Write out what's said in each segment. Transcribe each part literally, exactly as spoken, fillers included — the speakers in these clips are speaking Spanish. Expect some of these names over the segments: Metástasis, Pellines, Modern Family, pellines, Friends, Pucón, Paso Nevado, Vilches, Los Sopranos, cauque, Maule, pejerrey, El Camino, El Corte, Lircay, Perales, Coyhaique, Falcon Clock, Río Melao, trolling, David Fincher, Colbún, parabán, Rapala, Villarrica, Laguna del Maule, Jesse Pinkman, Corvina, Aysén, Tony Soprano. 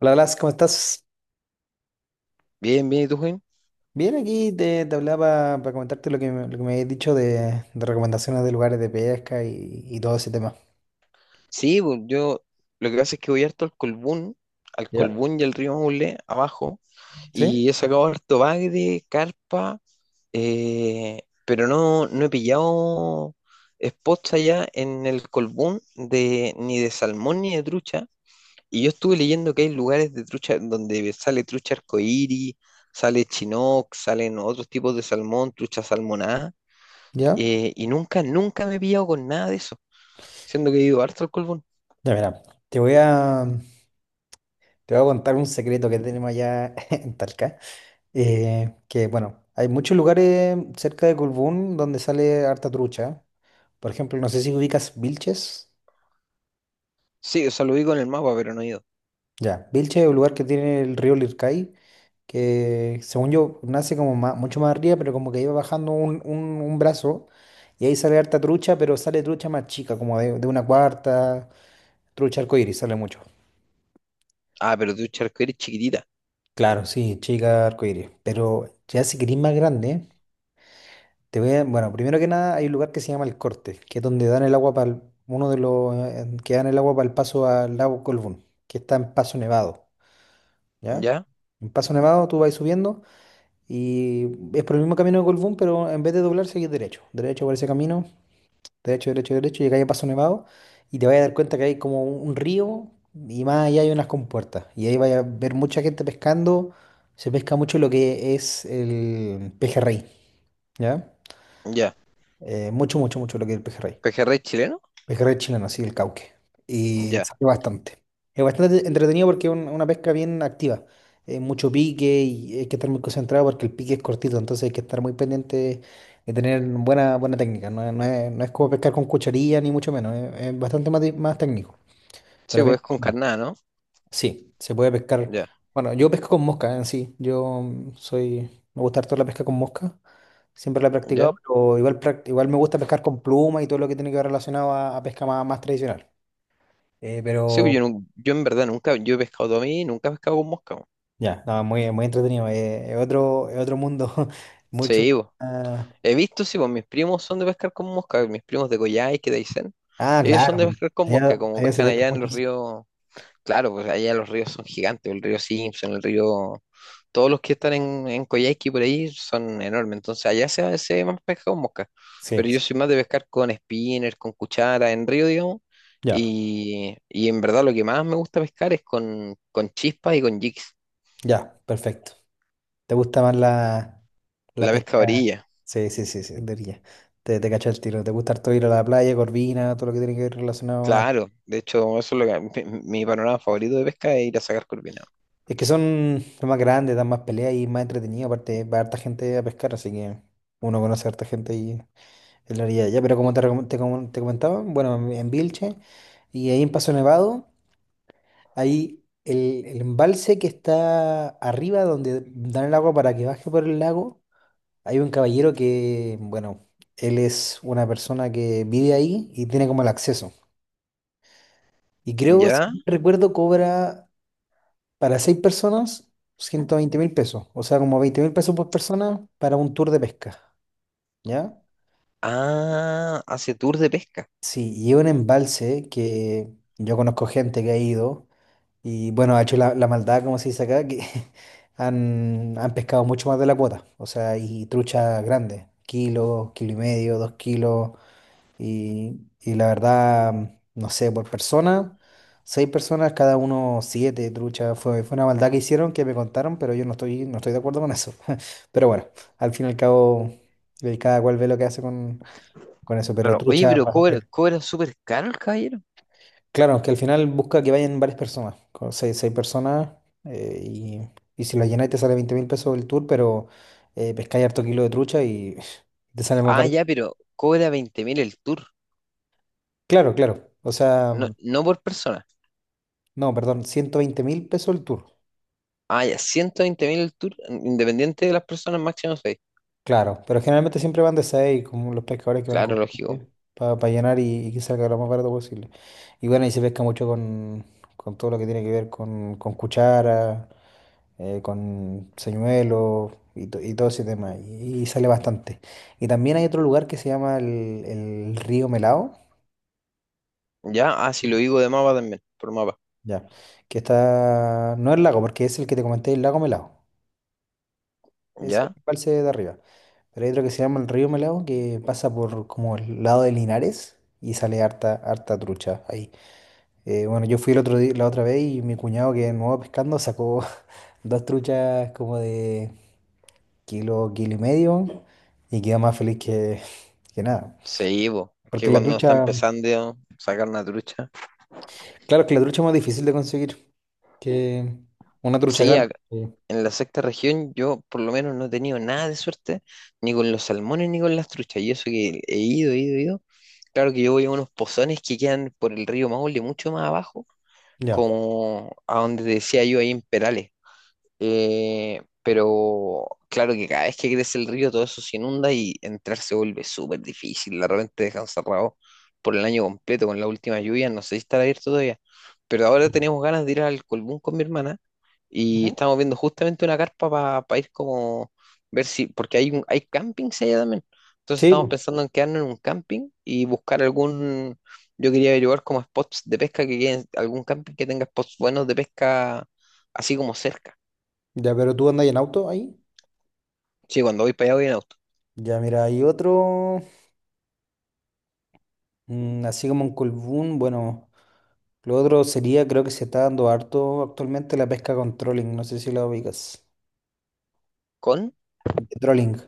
Hola, Blas, ¿cómo estás? Bien, bien, ¿y tú, Juan? Bien, aquí te, te hablaba para comentarte lo que, me- lo que me habías dicho de, de recomendaciones de lugares de pesca y, y todo ese tema. Sí, bu- yo lo que pasa es que voy harto al Colbún, al ¿Ya? Colbún y al río Maule, abajo, ¿Sí? y he sacado harto bagre, carpa, eh, pero no, no he pillado spots allá en el Colbún de, ni de salmón ni de trucha. Y yo estuve leyendo que hay lugares de trucha donde sale trucha arcoíris, sale chinook, salen otros tipos de salmón, trucha salmonada, ¿Ya? eh, y nunca, nunca me he pillado con nada de eso, siendo que he ido harto al Colbún. Ya, mira, te voy a, te voy a contar un secreto que tenemos allá en Talca. Eh, que, bueno, hay muchos lugares cerca de Colbún donde sale harta trucha. Por ejemplo, no sé si ubicas Vilches. Sí, o sea, lo vi con el mapa, pero no he ido. Ya, Vilches es un lugar que tiene el río Lircay, que según yo nace como ma- mucho más arriba, pero como que iba bajando un, un- un brazo y ahí sale harta trucha, pero sale trucha más chica, como de, de una cuarta, trucha arcoíris, sale mucho. Ah, pero tú charco eres chiquitita. Claro, sí, chica arcoíris, pero ya si querís más grande, te voy a, bueno, primero que nada hay un lugar que se llama El Corte, que es donde dan el agua para uno de los eh, que dan el agua para el paso al lago Colbún, que está en Paso Nevado, ¿ya? Ya, En Paso Nevado tú vas subiendo. Y es por el mismo camino de Colbún, pero en vez de doblar, seguís derecho. Derecho por ese camino, derecho, derecho, derecho, llegáis a Paso Nevado y te vais a dar cuenta que hay como un un río, y más allá hay unas compuertas. Y ahí vais a ver mucha gente pescando. Se pesca mucho lo que es el pejerrey, ¿ya? ya. Eh, mucho, mucho, mucho lo que es el pejerrey. ¿Pejerrey chileno? Pejerrey chileno, sí, el cauque. Y Ya. sale bastante. Es bastante entretenido porque es un- una pesca bien activa. Eh, mucho pique, y hay que estar muy concentrado porque el pique es cortito, entonces hay que estar muy pendiente de tener buena, buena técnica. No, es, no es- no es como pescar con cucharilla ni mucho menos, es, es bastante más, di- más técnico. Sí, Pero pues bien, es con carnada, ¿no? sí, se puede pescar. Ya, Bueno, yo pesco con mosca en sí. Yo mm, soy, me gusta harto la pesca con mosca. Siempre la he practicado, ya. pero igual, prac- igual me gusta pescar con pluma y todo lo que tiene que ver relacionado a, a pesca más, más tradicional. Eh, Sí, pues yo, Pero nun- yo en verdad nunca, yo he pescado todo a mí, nunca he pescado con mosca, po. ya, no, muy, muy entretenido. Eh, es otro, es otro mundo, mucho Sí, pues. más- He visto, sí, pues mis primos son de pescar con mosca, mis primos de Coyhaique, de Aysén. Ah, Ellos son claro, de pero pescar con mosca, allá, como allá se pescan pesca allá en mucho. los Sí, ríos. Claro, pues allá los ríos son gigantes, el río Simpson, el río, todos los que están en, en Coyhaique y por ahí son enormes, entonces allá se, se ve más pesca con mosca, sí, pero sí, yo soy más de pescar con spinner, con cuchara, en río, digamos, ya, y, y en verdad lo que más me gusta pescar es con, con chispas y con jigs, ya, perfecto. ¿Te gusta más la, la la pesca a pesca? orilla, Sí, sí, sí, sí, de orilla. Te, te cacho el tiro. ¿Te gusta harto ir a la playa, Corvina, todo lo que tiene que ver relacionado a...? claro, de hecho eso es lo que, mi, mi panorama favorito de pesca es ir a sacar corvinado, Es que son son más grandes, dan más peleas y más entretenido. Aparte, va harta gente a pescar, así que uno conoce a harta gente y... En la orilla, ya, pero como te, recom- te com- te comentaba, bueno, en Vilche y ahí en Paso Nevado, ahí el, el embalse que está arriba donde dan el agua para que baje por el lago, hay un caballero que, bueno, él es una persona que vive ahí y tiene como el acceso. Y creo, si ¿ya? no recuerdo, cobra para seis personas ciento veinte mil pesos, o sea, como veinte mil pesos por persona para un tour de pesca, ¿ya? Ah, hace tour de pesca, Sí, y es un embalse que yo conozco gente que ha ido. Y bueno, ha hecho la, la maldad, como se dice acá, que han, han pescado mucho más de la cuota. O sea, y trucha grande, kilo, kilo y medio, dos kilos. Y, y la verdad, no sé, por persona, seis personas, cada uno siete truchas. Fue, fue una maldad que hicieron, que me contaron, pero yo no estoy, no estoy de acuerdo con eso. Pero bueno, al fin y al cabo, eh, cada cual ve lo que hace con, con eso. Pero claro, oye, trucha... pero cobra, cobra súper caro el caballero. Claro, es que al final busca que vayan varias personas, con seis, seis personas, eh, y, y si la llenáis te sale veinte mil pesos el tour, pero eh, pescáis harto kilo de trucha y te sale más Ah, barato. ya, pero cobra veinte mil el tour, Claro, claro, o sea, no, no por persona. no, perdón, ciento veinte mil pesos el tour, Ah, ya, ciento veinte mil el tour, mm, independiente de las personas, máximo seis. claro, pero generalmente siempre van de seis, como los pescadores que van Claro, con lógico. para llenar y, y que salga lo más barato posible. Y bueno, y se pesca mucho con, con todo lo que tiene que ver con, con cuchara, eh, con señuelos y, to- y todo ese tema, y, y sale bastante. Y también hay otro lugar que se llama el, el Río Melao, Ya, ah, si lo digo de mapa también, por mapa. ya, que está, no el lago, porque es el que te comenté, el lago Melao, es el Ya, embalse de arriba, pero hay otro que se llama el Río Melao, que pasa por como el lado de Linares y sale harta, harta trucha ahí. Eh, bueno, yo fui el otro día, la otra vez, y mi cuñado, que es nuevo pescando, sacó dos truchas como de kilo, kilo y medio, y queda más feliz que, que nada. sí, po. Es que Porque la cuando uno está trucha, empezando a sacar una trucha. claro que la trucha es más difícil de conseguir que una trucha Sí, grande. ac- que- en la sexta región yo por lo menos no he tenido nada de suerte, ni con los salmones ni con las truchas. Y eso que he ido, he ido, he ido. Claro que yo voy a unos pozones que quedan por el río Maule, mucho más abajo, Ya. como a donde te decía yo ahí en Perales. Eh, pero claro que cada vez que crece el río todo eso se inunda y entrar se vuelve súper difícil. De repente dejan cerrado por el año completo con la última lluvia. No sé si estará abierto todavía. Pero ahora teníamos ganas de ir al Colbún con mi hermana y Ujú. estamos viendo justamente una carpa para ir como ver si, porque hay, un- hay campings allá también. Entonces Sí, estamos po. pensando en quedarnos en un camping y buscar algún, yo quería averiguar como spots de pesca que queden, algún camping que tenga spots buenos de pesca así como cerca. Ya, pero tú andas en auto ahí. Sí, cuando voy para allá voy en auto. Ya, mira, hay otro, mm, así como un colbún, bueno, lo otro sería, creo que se está dando harto actualmente la pesca con trolling, no sé si la ubicas. ¿Con? De Trolling.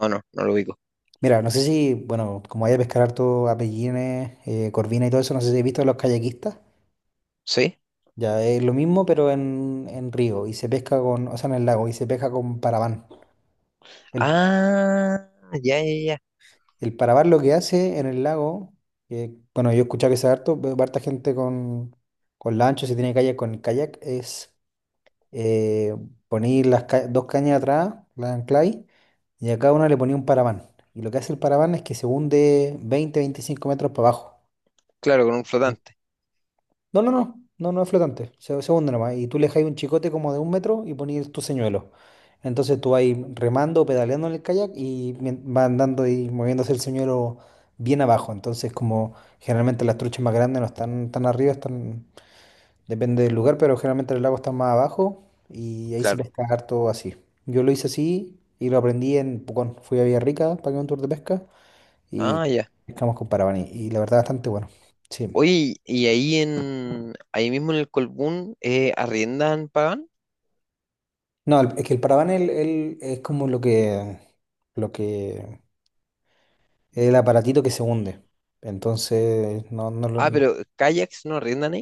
No, no, no lo ubico. Mira, no sé si, bueno, como hay a pescar harto a pellines, eh, corvina y todo eso, no sé si has visto a los kayakistas. ¿Sí? Ya, es lo mismo, pero en, en río y se pesca con, o sea, en el lago y se pesca con parabán. El, Ah, ya, ya, ya. el parabán, lo que hace en el lago, que, bueno, yo he escuchado que se harto, veo harta gente con, con lancho, si tiene kayak con kayak, es eh, poner las ca- dos cañas atrás, las ancláis, y a cada una le ponía un parabán. Y lo que hace el parabán es que se hunde veinte, veinticinco metros para abajo. Claro, con un flotante. No, no, no, no, no es flotante, se, se hunde nomás. Y tú le dejas un chicote como de un metro y pones tu señuelo. Entonces tú vas ahí remando, pedaleando en el kayak y mien- va andando y moviéndose el señuelo bien abajo. Entonces, como generalmente las truchas más grandes no están tan arriba, están, depende del lugar, pero generalmente el lago está más abajo, y ahí se Claro. pesca harto así. Yo lo hice así y lo aprendí en Pucón. Fui a Villarrica, pagué un tour de pesca y Ah, ya. pescamos con Paravaní. Y la verdad, bastante bueno. Sí. Oye, y ahí en, ahí mismo en el Colbún, eh, ¿arriendan, pagan? No, el- es que el paraván el- el- es como lo que, lo que, el aparatito que se hunde. Entonces, no, no lo- Ah, no- pero kayaks no arriendan.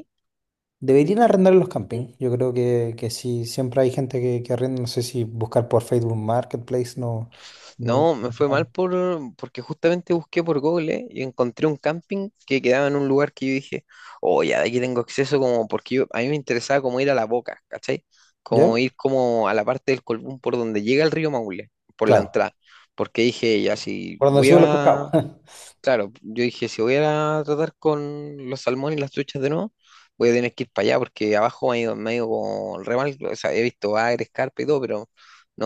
Deberían arrendar los campings. Yo creo que, que sí, siempre hay gente que, que arrenda. No sé si buscar por Facebook Marketplace. No, no. No, me fue mal por, porque justamente busqué por Google y encontré un camping que quedaba en un lugar que yo dije, oh, ya de aquí tengo acceso como porque yo- a mí me interesaba como ir a la boca, ¿cachai? ¿Ya? Como ir como a la parte del Colbún por donde llega el río Maule, por la Claro. entrada, porque dije, ya si Por donde voy suben los pescados. a. Claro, yo dije, si voy a tratar con los salmones y las truchas de nuevo, voy a tener que ir para allá porque abajo me ha ido, me ha ido como re mal. O sea, he visto bagres, carpa y todo, pero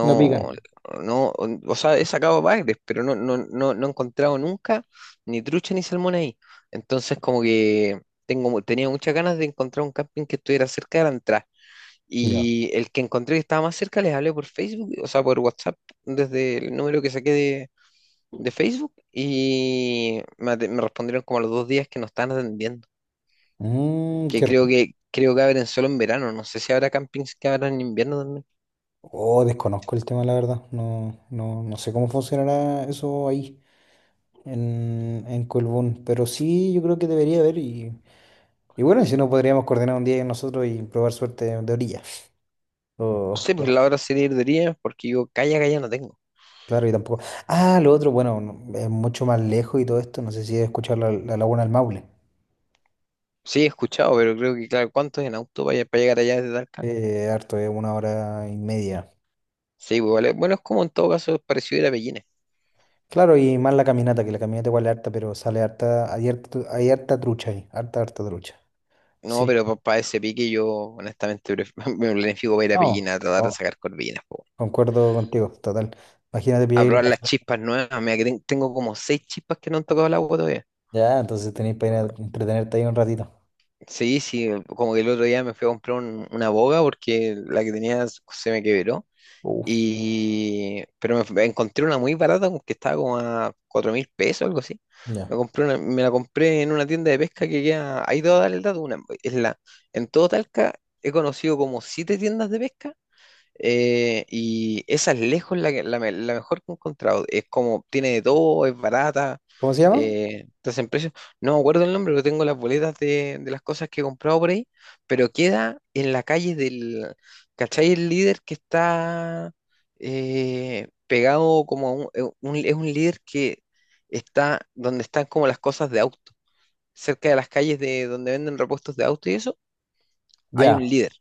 No pican. no, o sea, he sacado bagres, pero no, no, no, no he encontrado nunca ni trucha ni salmón ahí. Entonces, como que tengo, mu- tenía muchas ganas de encontrar un camping que estuviera cerca de la entrada. Ya. Y el que encontré que estaba más cerca, les hablé por Facebook, o sea, por WhatsApp, desde el número que saqué de Facebook y me, ate- me respondieron como a los dos días que no están atendiendo. Mm, Que Qué creo rico. que creo que abren solo en verano. No sé si habrá campings que abran en invierno también. Oh, desconozco el tema, la verdad. No, no, no sé cómo funcionará eso ahí. en, en Colbún. Pero sí, yo creo que debería haber. Y, y bueno, si no, podríamos coordinar un día nosotros y probar suerte de orilla. No O, sé, pues o- la hora sería ir de día porque yo calla, calla no tengo. claro, y tampoco. Ah, lo otro, bueno, no- es mucho más lejos y todo esto. No sé si he escuchado la, la Laguna del Maule. Sí, he escuchado, pero creo que, claro, ¿cuánto es en auto para, para llegar allá desde Talca? Eh, harto, es una hora y media. Sí, pues vale. Bueno, es como en todo caso es parecido ir a Pellines. Claro, y más la caminata, que la caminata igual es harta, pero sale harta, hay harta, hay harta trucha ahí, harta, harta trucha. No, Sí. pero para ese pique yo honestamente pref- me planifico para ir a No, Pellines a tratar de no, sacar corvinas, po. concuerdo contigo, total. Imagínate pillar A ahí la probar las paja. chispas nuevas. Mira, que ten- tengo como seis chispas que no han tocado el agua todavía. Ya, entonces tenéis para ir a entretenerte ahí un ratito. Sí, sí, como que el otro día me fui a comprar un- una boga porque la que tenía se me quebró. Uh. Y, pero me, f- encontré una muy barata como que estaba como a cuatro mil pesos, algo así. Me Ya. compré una- me la compré en una tienda de pesca que queda, ahí te voy a dar el dato, una, es la, en todo Talca he conocido como siete tiendas de pesca eh, Y esa es lejos la, que- la, me- la mejor que he encontrado. Es como, tiene de todo, es barata. ¿Cómo se llama? Eh, estás en precio. No me acuerdo el nombre, pero tengo las boletas de, de las cosas que he comprado por ahí. Pero queda en la calle del. ¿Cachai? El líder que está eh, pegado como a un, eh, un- Es un líder que está donde están como las cosas de auto. Cerca de las calles de donde venden repuestos de auto y eso, hay un Ya. líder.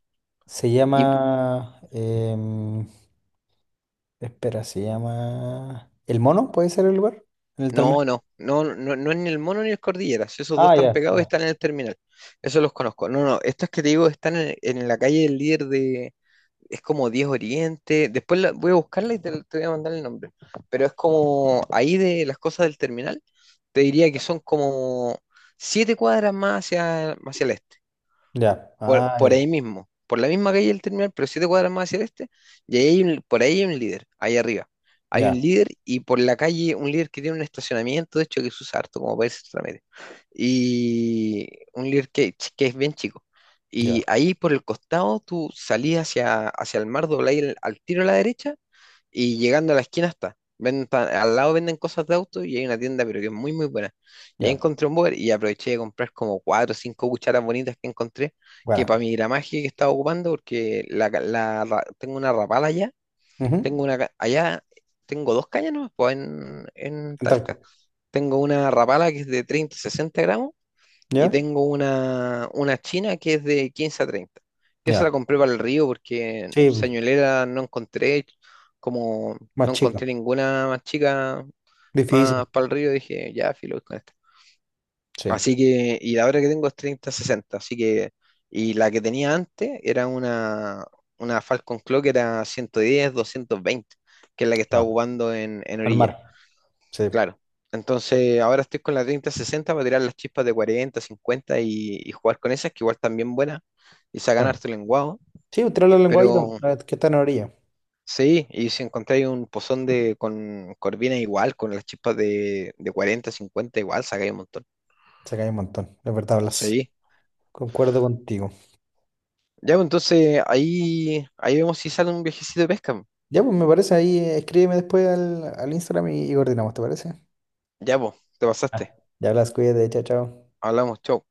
Se llama. em, espera, se llama. ¿El Mono? ¿Puede ser el lugar? ¿En el terminal? No, no, no, no, no es ni el Mono ni el Cordilleras. Esos dos Ah, están ya, pegados y ya. están en el terminal. Eso los conozco. No, no, estos que te digo están en, en la calle del líder de. Es como diez Oriente. Después la- voy a buscarla y te, te voy a mandar el nombre. Pero es como ahí de las cosas del terminal. Te diría que son como siete cuadras más hacia, hacia el este, Ya. por, Ah, por ya. ahí mismo, por la misma calle del terminal, pero siete cuadras más hacia el este, y ahí hay un- por ahí hay un líder, ahí arriba. Hay un Ya, líder y por la calle un líder que tiene un estacionamiento, de hecho, que se usa harto como para irse a medio. Y un líder que, que es bien chico. Y ya, ahí por el costado tú salís hacia, hacia el mar, dobláis el- al tiro a la derecha y llegando a la esquina está. Venden, pa- al lado venden cosas de auto y hay una tienda, pero que es muy, muy buena. Y ahí ya. encontré un Boer y aproveché de comprar como cuatro o cinco cucharas bonitas que encontré, que para Bueno. mi gramaje que estaba ocupando, porque la, ca- la ra- tengo una rapala allá, Ujú. tengo una ca- allá, tengo dos cañas, ¿no? Pues en, en En Talca. Talca. Tengo una rapala que es de treinta sesenta gramos y ¿Ya? tengo una, una china que es de quince a treinta. Que esa Ya. la compré para el río porque Sí, señuelera no encontré, como más no encontré chico. ninguna más chica más Difícil. para el río, dije, ya, filo voy con esta. Sí. Así que, y la otra que tengo es treinta sesenta así que, y la que tenía antes era una, una Falcon Clock que era ciento diez doscientos veinte, que es la que estaba Ya. ocupando en, en Al orilla. mar. Sí, Claro. Entonces, ahora estoy con la treinta sesenta para tirar las chispas de cuarenta, cincuenta y, y jugar con esas, que igual también buenas, y sacan claro. harto lenguado. Sí, usted Eh, habla lenguadito, Pero la que está en la orilla. sí, y si encontráis un pozón de, con corvina igual, con las chispas de, de cuarenta, cincuenta igual, sacáis un montón. Se cae un montón. De verdad hablas. Sí. Concuerdo contigo. Ya, pues, entonces ahí, ahí vemos si sale un viajecito de pesca. Ya, pues me parece ahí. eh, Escríbeme después al, al Instagram y y coordinamos, ¿te parece? Ya, pues, te pasaste. Ya, las cuídate, chao, chao. Hablamos, chau.